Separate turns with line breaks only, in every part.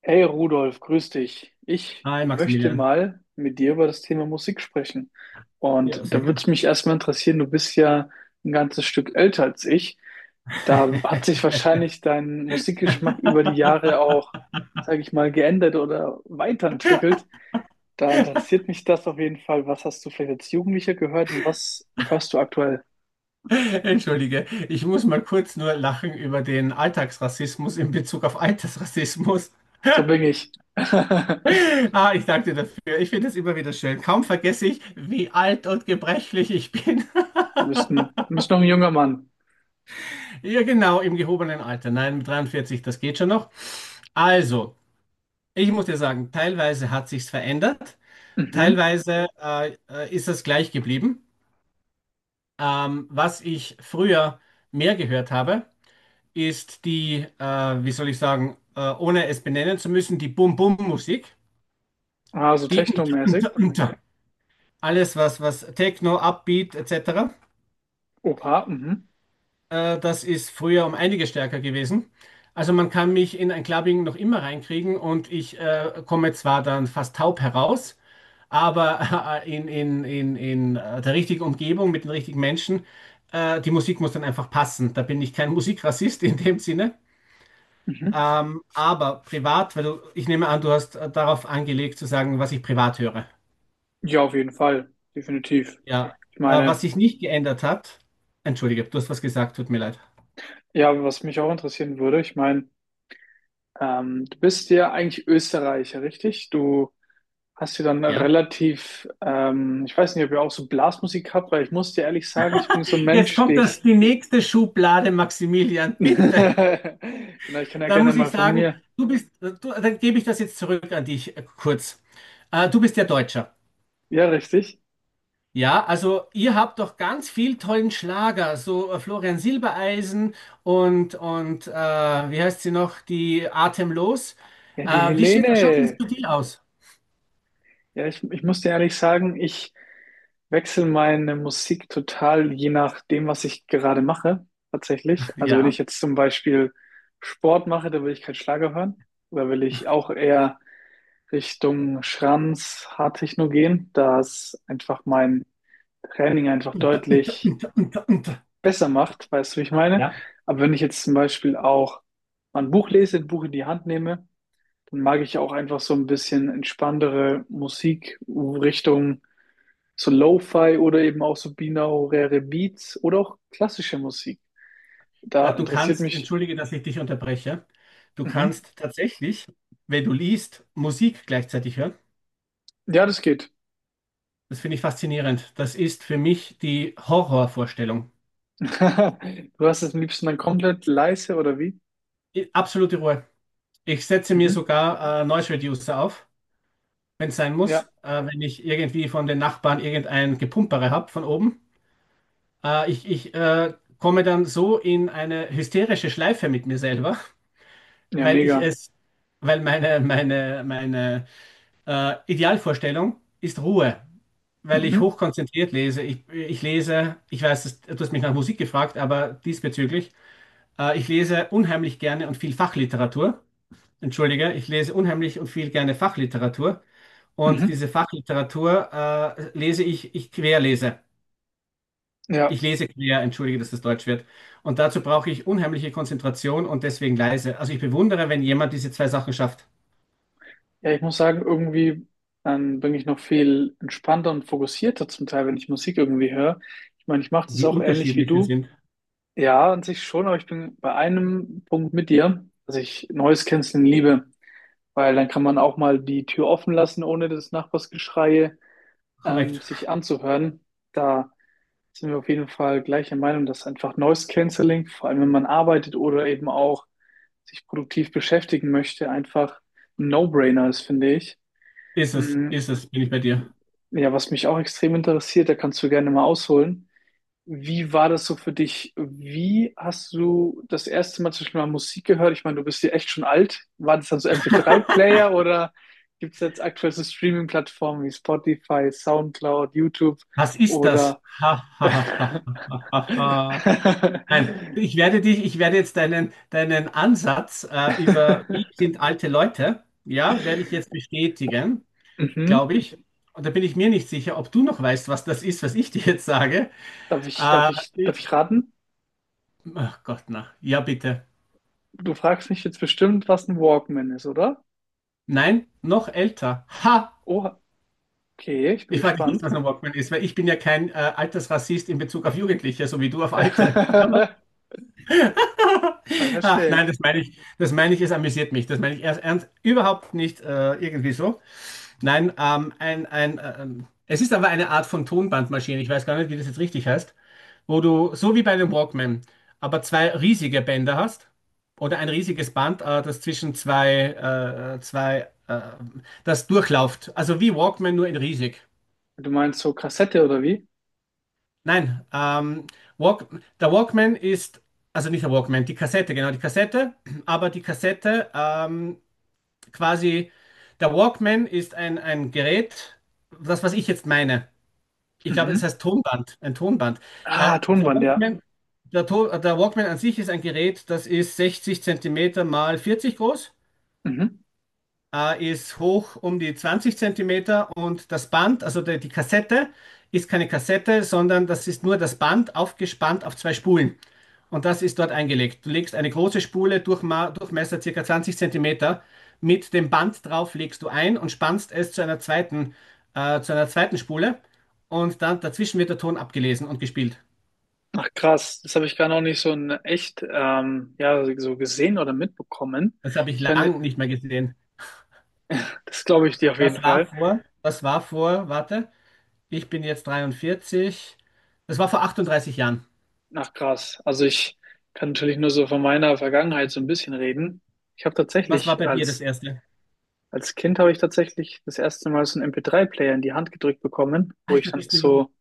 Hey Rudolf, grüß dich. Ich
Hi
möchte
Maximilian.
mal mit dir über das Thema Musik sprechen. Und
Ja,
da
sehr
würde es
gern.
mich erstmal interessieren, du bist ja ein ganzes Stück älter als ich. Da hat sich wahrscheinlich dein Musikgeschmack über die Jahre auch, sage ich mal, geändert oder weiterentwickelt. Da interessiert mich das auf jeden Fall. Was hast du vielleicht als Jugendlicher gehört und was hörst du aktuell?
Entschuldige, ich muss mal kurz nur lachen über den Alltagsrassismus in Bezug auf Altersrassismus.
So bin ich.
Ah, ich danke dir dafür. Ich finde es immer wieder schön. Kaum vergesse ich, wie alt und gebrechlich ich bin.
Du bist noch ein junger Mann.
Ja, genau, im gehobenen Alter. Nein, mit 43, das geht schon noch. Also, ich muss dir sagen, teilweise hat sich's verändert,
Mhm.
teilweise ist es gleich geblieben. Was ich früher mehr gehört habe, ist die, wie soll ich sagen, ohne es benennen zu müssen, die Bum-Bum-Musik.
Ah, so
Die
technomäßig.
alles, was Techno, Upbeat etc.,
Oha, mhm.
das ist früher um einige stärker gewesen. Also man kann mich in ein Clubbing noch immer reinkriegen und ich komme zwar dann fast taub heraus, aber in der richtigen Umgebung mit den richtigen Menschen, die Musik muss dann einfach passen. Da bin ich kein Musikrassist in dem Sinne.
Mhm.
Aber privat, weil du, ich nehme an, du hast darauf angelegt zu sagen, was ich privat höre.
Ja, auf jeden Fall, definitiv.
Ja.
Ich
Was
meine,
sich nicht geändert hat, entschuldige, du hast was gesagt, tut mir leid.
ja, was mich auch interessieren würde, ich meine, du bist ja eigentlich Österreicher, richtig? Du hast ja dann
Ja.
relativ, ich weiß nicht, ob ihr auch so Blasmusik habt, weil ich muss dir ehrlich sagen, ich bin so ein
Jetzt
Mensch, die
kommt das,
ich,
die nächste Schublade, Maximilian, bitte.
genau, ich kann ja
Dann
gerne
muss
mal
ich
von
sagen,
mir,
du bist, dann gebe ich das jetzt zurück an dich kurz. Du bist ja Deutscher.
ja, richtig?
Ja, also ihr habt doch ganz viel tollen Schlager, so Florian Silbereisen und, wie heißt sie noch, die Atemlos.
Ja, die
Schaut denn das
Helene,
bei dir aus?
ja, ich muss dir ehrlich sagen, ich wechsle meine Musik total je nachdem, was ich gerade mache, tatsächlich. Also wenn ich
Ja.
jetzt zum Beispiel Sport mache, dann will ich keinen Schlager hören. Oder will ich auch eher Richtung Schranz, Hardtechno gehen, da es einfach mein Training einfach
Und,
deutlich
und, und, und.
besser macht, weißt du, wie ich meine?
Ja,
Aber wenn ich jetzt zum Beispiel auch mal ein Buch lese, ein Buch in die Hand nehme, dann mag ich auch einfach so ein bisschen entspanntere Musikrichtung so Lo-Fi oder eben auch so binaurale Beats oder auch klassische Musik. Da
du
interessiert
kannst,
mich.
entschuldige, dass ich dich unterbreche, du
Mhm.
kannst tatsächlich, wenn du liest, Musik gleichzeitig hören.
Ja, das geht.
Das finde ich faszinierend. Das ist für mich die Horrorvorstellung.
Du hast es am liebsten dann komplett leise oder wie?
Absolute Ruhe. Ich setze mir
Mhm.
sogar Noise Reducer auf, wenn es sein muss,
Ja,
wenn ich irgendwie von den Nachbarn irgendein Gepumpere habe von oben. Ich komme dann so in eine hysterische Schleife mit mir selber,
ja,
weil ich
mega.
es, weil meine Idealvorstellung ist Ruhe, weil ich
Mhm.
hochkonzentriert lese. Ich lese, ich weiß, du hast mich nach Musik gefragt, aber diesbezüglich, ich lese unheimlich gerne und viel Fachliteratur, entschuldige, ich lese unheimlich und viel gerne Fachliteratur. Und
Mhm.
diese Fachliteratur ich querlese.
Ja.
Ich lese quer, entschuldige, dass das Deutsch wird. Und dazu brauche ich unheimliche Konzentration und deswegen leise. Also ich bewundere, wenn jemand diese zwei Sachen schafft,
Ja, ich muss sagen, irgendwie dann bin ich noch viel entspannter und fokussierter zum Teil, wenn ich Musik irgendwie höre. Ich meine, ich mache das
wie
auch ähnlich wie
unterschiedlich wir
du.
sind.
Ja, an sich schon, aber ich bin bei einem Punkt mit dir, dass ich Noise Cancelling liebe, weil dann kann man auch mal die Tür offen lassen, ohne das Nachbarsgeschrei
Korrekt.
sich anzuhören. Da sind wir auf jeden Fall gleicher Meinung, dass einfach Noise Cancelling, vor allem wenn man arbeitet oder eben auch sich produktiv beschäftigen möchte, einfach ein No-Brainer ist, finde ich. Mm,
Bin ich bei dir.
ja, was mich auch extrem interessiert, da kannst du gerne mal ausholen. Wie war das so für dich? Wie hast du das erste Mal zum Beispiel mal Musik gehört? Ich meine, du bist ja echt schon alt. War das dann so MP3-Player oder gibt es jetzt aktuell so Streaming-Plattformen wie Spotify, SoundCloud, YouTube
Was ist das?
oder
Ha, ha, ha, ha, ha, ha, ha. Nein, ich werde dich, ich werde jetzt deinen Ansatz über wie sind alte Leute, ja, werde ich jetzt bestätigen,
Mhm.
glaube ich. Und da bin ich mir nicht sicher, ob du noch weißt, was das ist, was ich dir jetzt sage.
Darf ich, darf
Äh,
ich,
ich,
darf ich raten?
ach Gott, na. Ja, bitte.
Du fragst mich jetzt bestimmt, was ein Walkman ist, oder?
Nein, noch älter. Ha!
Oh, okay, ich bin
Ich frage dich nicht,
gespannt.
was ein Walkman ist, weil ich bin ja kein Altersrassist in Bezug auf Jugendliche, so wie du auf Alte.
Ja,
Ach
verstehe.
nein, das meine ich, es amüsiert mich. Das meine ich erst ernst, überhaupt nicht irgendwie so. Nein, es ist aber eine Art von Tonbandmaschine. Ich weiß gar nicht, wie das jetzt richtig heißt, wo du so wie bei einem Walkman, aber zwei riesige Bänder hast, oder ein riesiges Band, das zwischen zwei, das durchläuft. Also wie Walkman, nur in riesig.
Du meinst so Kassette oder wie?
Nein, Walk, der Walkman ist, also nicht der Walkman, die Kassette, genau, die Kassette, aber die Kassette quasi, der Walkman ist ein Gerät, das, was ich jetzt meine. Ich glaube, es
Mhm.
heißt Tonband, ein Tonband. Äh,
Ah,
der
Tonband, ja.
Walkman der Walkman an sich ist ein Gerät, das ist 60 Zentimeter mal 40 groß,
Mhm.
ist hoch um die 20 Zentimeter, und das Band, also die Kassette, ist keine Kassette, sondern das ist nur das Band aufgespannt auf zwei Spulen. Und das ist dort eingelegt. Du legst eine große Spule, Durchma Durchmesser ca. 20 Zentimeter, mit dem Band drauf legst du ein und spannst es zu einer zweiten, zu einer zweiten Spule, und dann dazwischen wird der Ton abgelesen und gespielt.
Ach krass, das habe ich gar noch nicht so in echt ja, so gesehen oder mitbekommen.
Das habe ich
Ich kann,
lang nicht mehr gesehen.
das glaube ich dir auf jeden Fall.
Warte, ich bin jetzt 43. Das war vor 38 Jahren.
Ach krass. Also ich kann natürlich nur so von meiner Vergangenheit so ein bisschen reden. Ich habe
Was war
tatsächlich
bei dir das
als
erste?
als Kind habe ich tatsächlich das erste Mal so einen MP3-Player in die Hand gedrückt bekommen, wo ich
Alter,
dann
bist du jung.
so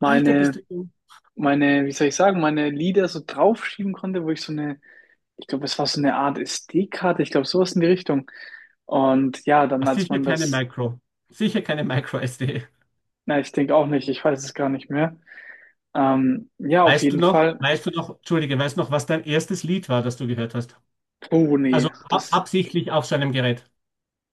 Alter, bist du jung.
meine, wie soll ich sagen, meine Lieder so draufschieben konnte, wo ich so eine ich glaube, es war so eine Art SD-Karte, ich glaube, sowas in die Richtung. Und ja, dann
Ah,
als
Sicher
man
keine
das,
Micro. Sicher keine Micro-SD.
na, ich denke auch nicht, ich weiß es gar nicht mehr. Ja, auf jeden Fall.
Weißt du noch, was dein erstes Lied war, das du gehört hast?
Oh
Also
nee, das,
absichtlich auf so einem Gerät.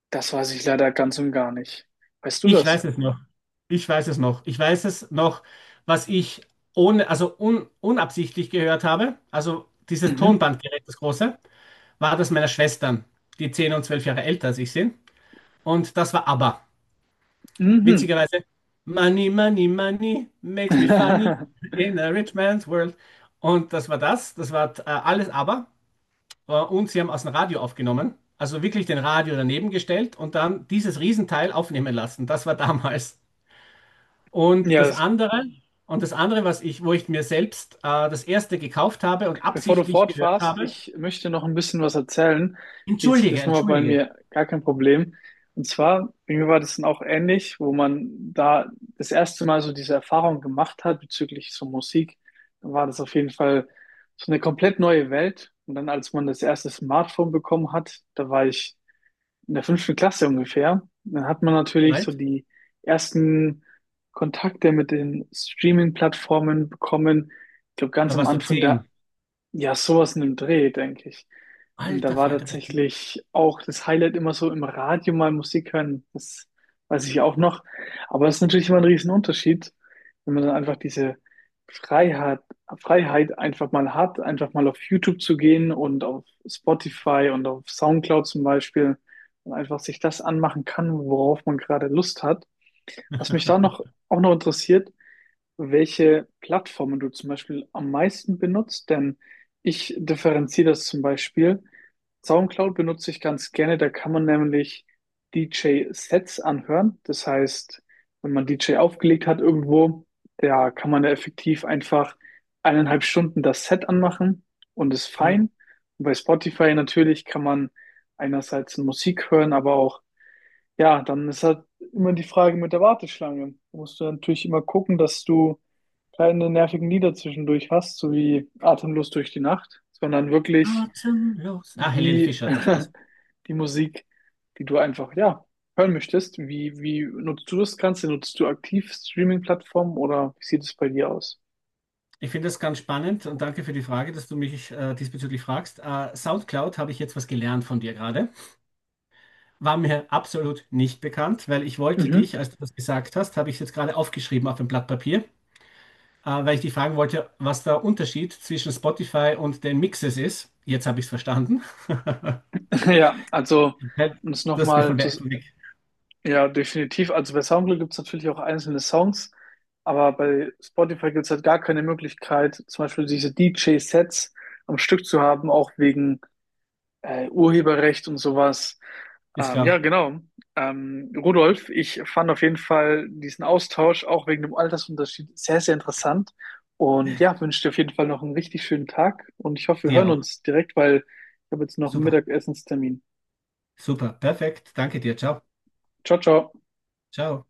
das weiß ich leider ganz und gar nicht. Weißt du
Ich
das?
weiß es noch. Ich weiß es noch. Ich weiß es noch, was ich ohne, unabsichtlich gehört habe. Also dieses
Mhm.
Tonbandgerät, das große, war das meiner Schwestern, die 10 und 12 Jahre älter als ich sind. Und das war ABBA.
Mhm.
Witzigerweise, Money, Money, Money makes me funny in a rich man's world. Und das war das, das war alles ABBA. Und sie haben aus dem Radio aufgenommen, also wirklich den Radio daneben gestellt und dann dieses Riesenteil aufnehmen lassen. Das war damals. Und
Ja,
das andere, und das andere, was ich, wo ich mir selbst das erste gekauft habe und
bevor du
absichtlich gehört
fortfährst,
habe,
ich möchte noch ein bisschen was erzählen. Wie sieht
entschuldige,
das nochmal bei
entschuldige,
mir? Gar kein Problem. Und zwar, bei mir war das dann auch ähnlich, wo man da das erste Mal so diese Erfahrung gemacht hat bezüglich so Musik, dann war das auf jeden Fall so eine komplett neue Welt. Und dann, als man das erste Smartphone bekommen hat, da war ich in der fünften Klasse ungefähr, dann hat man
wie
natürlich so
alt?
die ersten Kontakte mit den Streaming-Plattformen bekommen. Ich glaube, ganz
Da
am
warst du
Anfang der,
zehn.
ja, sowas in dem Dreh, denke ich. Und da
Alter
war
Falter, bist du
tatsächlich auch das Highlight immer so im Radio mal Musik hören. Das weiß ich auch noch. Aber es ist natürlich immer ein Riesenunterschied, wenn man dann einfach diese Freiheit, Freiheit einfach mal hat, einfach mal auf YouTube zu gehen und auf Spotify und auf SoundCloud zum Beispiel und einfach sich das anmachen kann, worauf man gerade Lust hat. Was mich da noch auch noch interessiert, welche Plattformen du zum Beispiel am meisten benutzt, denn ich differenziere das zum Beispiel. SoundCloud benutze ich ganz gerne, da kann man nämlich DJ-Sets anhören. Das heißt, wenn man DJ aufgelegt hat irgendwo, da kann man da effektiv einfach 1,5 Stunden das Set anmachen und ist
cool.
fein. Und bei Spotify natürlich kann man einerseits Musik hören, aber auch, ja, dann ist halt immer die Frage mit der Warteschlange. Da musst du natürlich immer gucken, dass du keine nervigen Lieder zwischendurch hast, so wie Atemlos durch die Nacht, sondern wirklich
Atemlos. Ah, Helene
die,
Fischer, das war's.
die Musik, die du einfach, ja, hören möchtest. Wie nutzt du das Ganze? Nutzt du aktiv Streaming-Plattformen oder wie sieht es bei dir aus?
Ich finde das ganz spannend und danke für die Frage, dass du mich diesbezüglich fragst. SoundCloud habe ich jetzt was gelernt von dir gerade. War mir absolut nicht bekannt, weil ich wollte
Mhm.
dich, als du das gesagt hast, habe ich jetzt gerade aufgeschrieben auf ein Blatt Papier, weil ich dich fragen wollte, was der Unterschied zwischen Spotify und den Mixes ist. Jetzt habe ich es verstanden.
Ja, also
Weil
um es
du hast mir
nochmal
von
zu,
weg.
ja, definitiv. Also bei Soundcloud gibt es natürlich auch einzelne Songs, aber bei Spotify gibt es halt gar keine Möglichkeit, zum Beispiel diese DJ-Sets am Stück zu haben, auch wegen Urheberrecht und sowas.
Ist
Ja,
klar.
genau. Rudolf, ich fand auf jeden Fall diesen Austausch auch wegen dem Altersunterschied sehr, sehr interessant. Und ja, wünsche dir auf jeden Fall noch einen richtig schönen Tag und ich hoffe, wir
Dir
hören
auch.
uns direkt, weil ich habe jetzt noch einen
Super.
Mittagessenstermin.
Super. Perfekt. Danke dir. Ciao.
Ciao, ciao.
Ciao.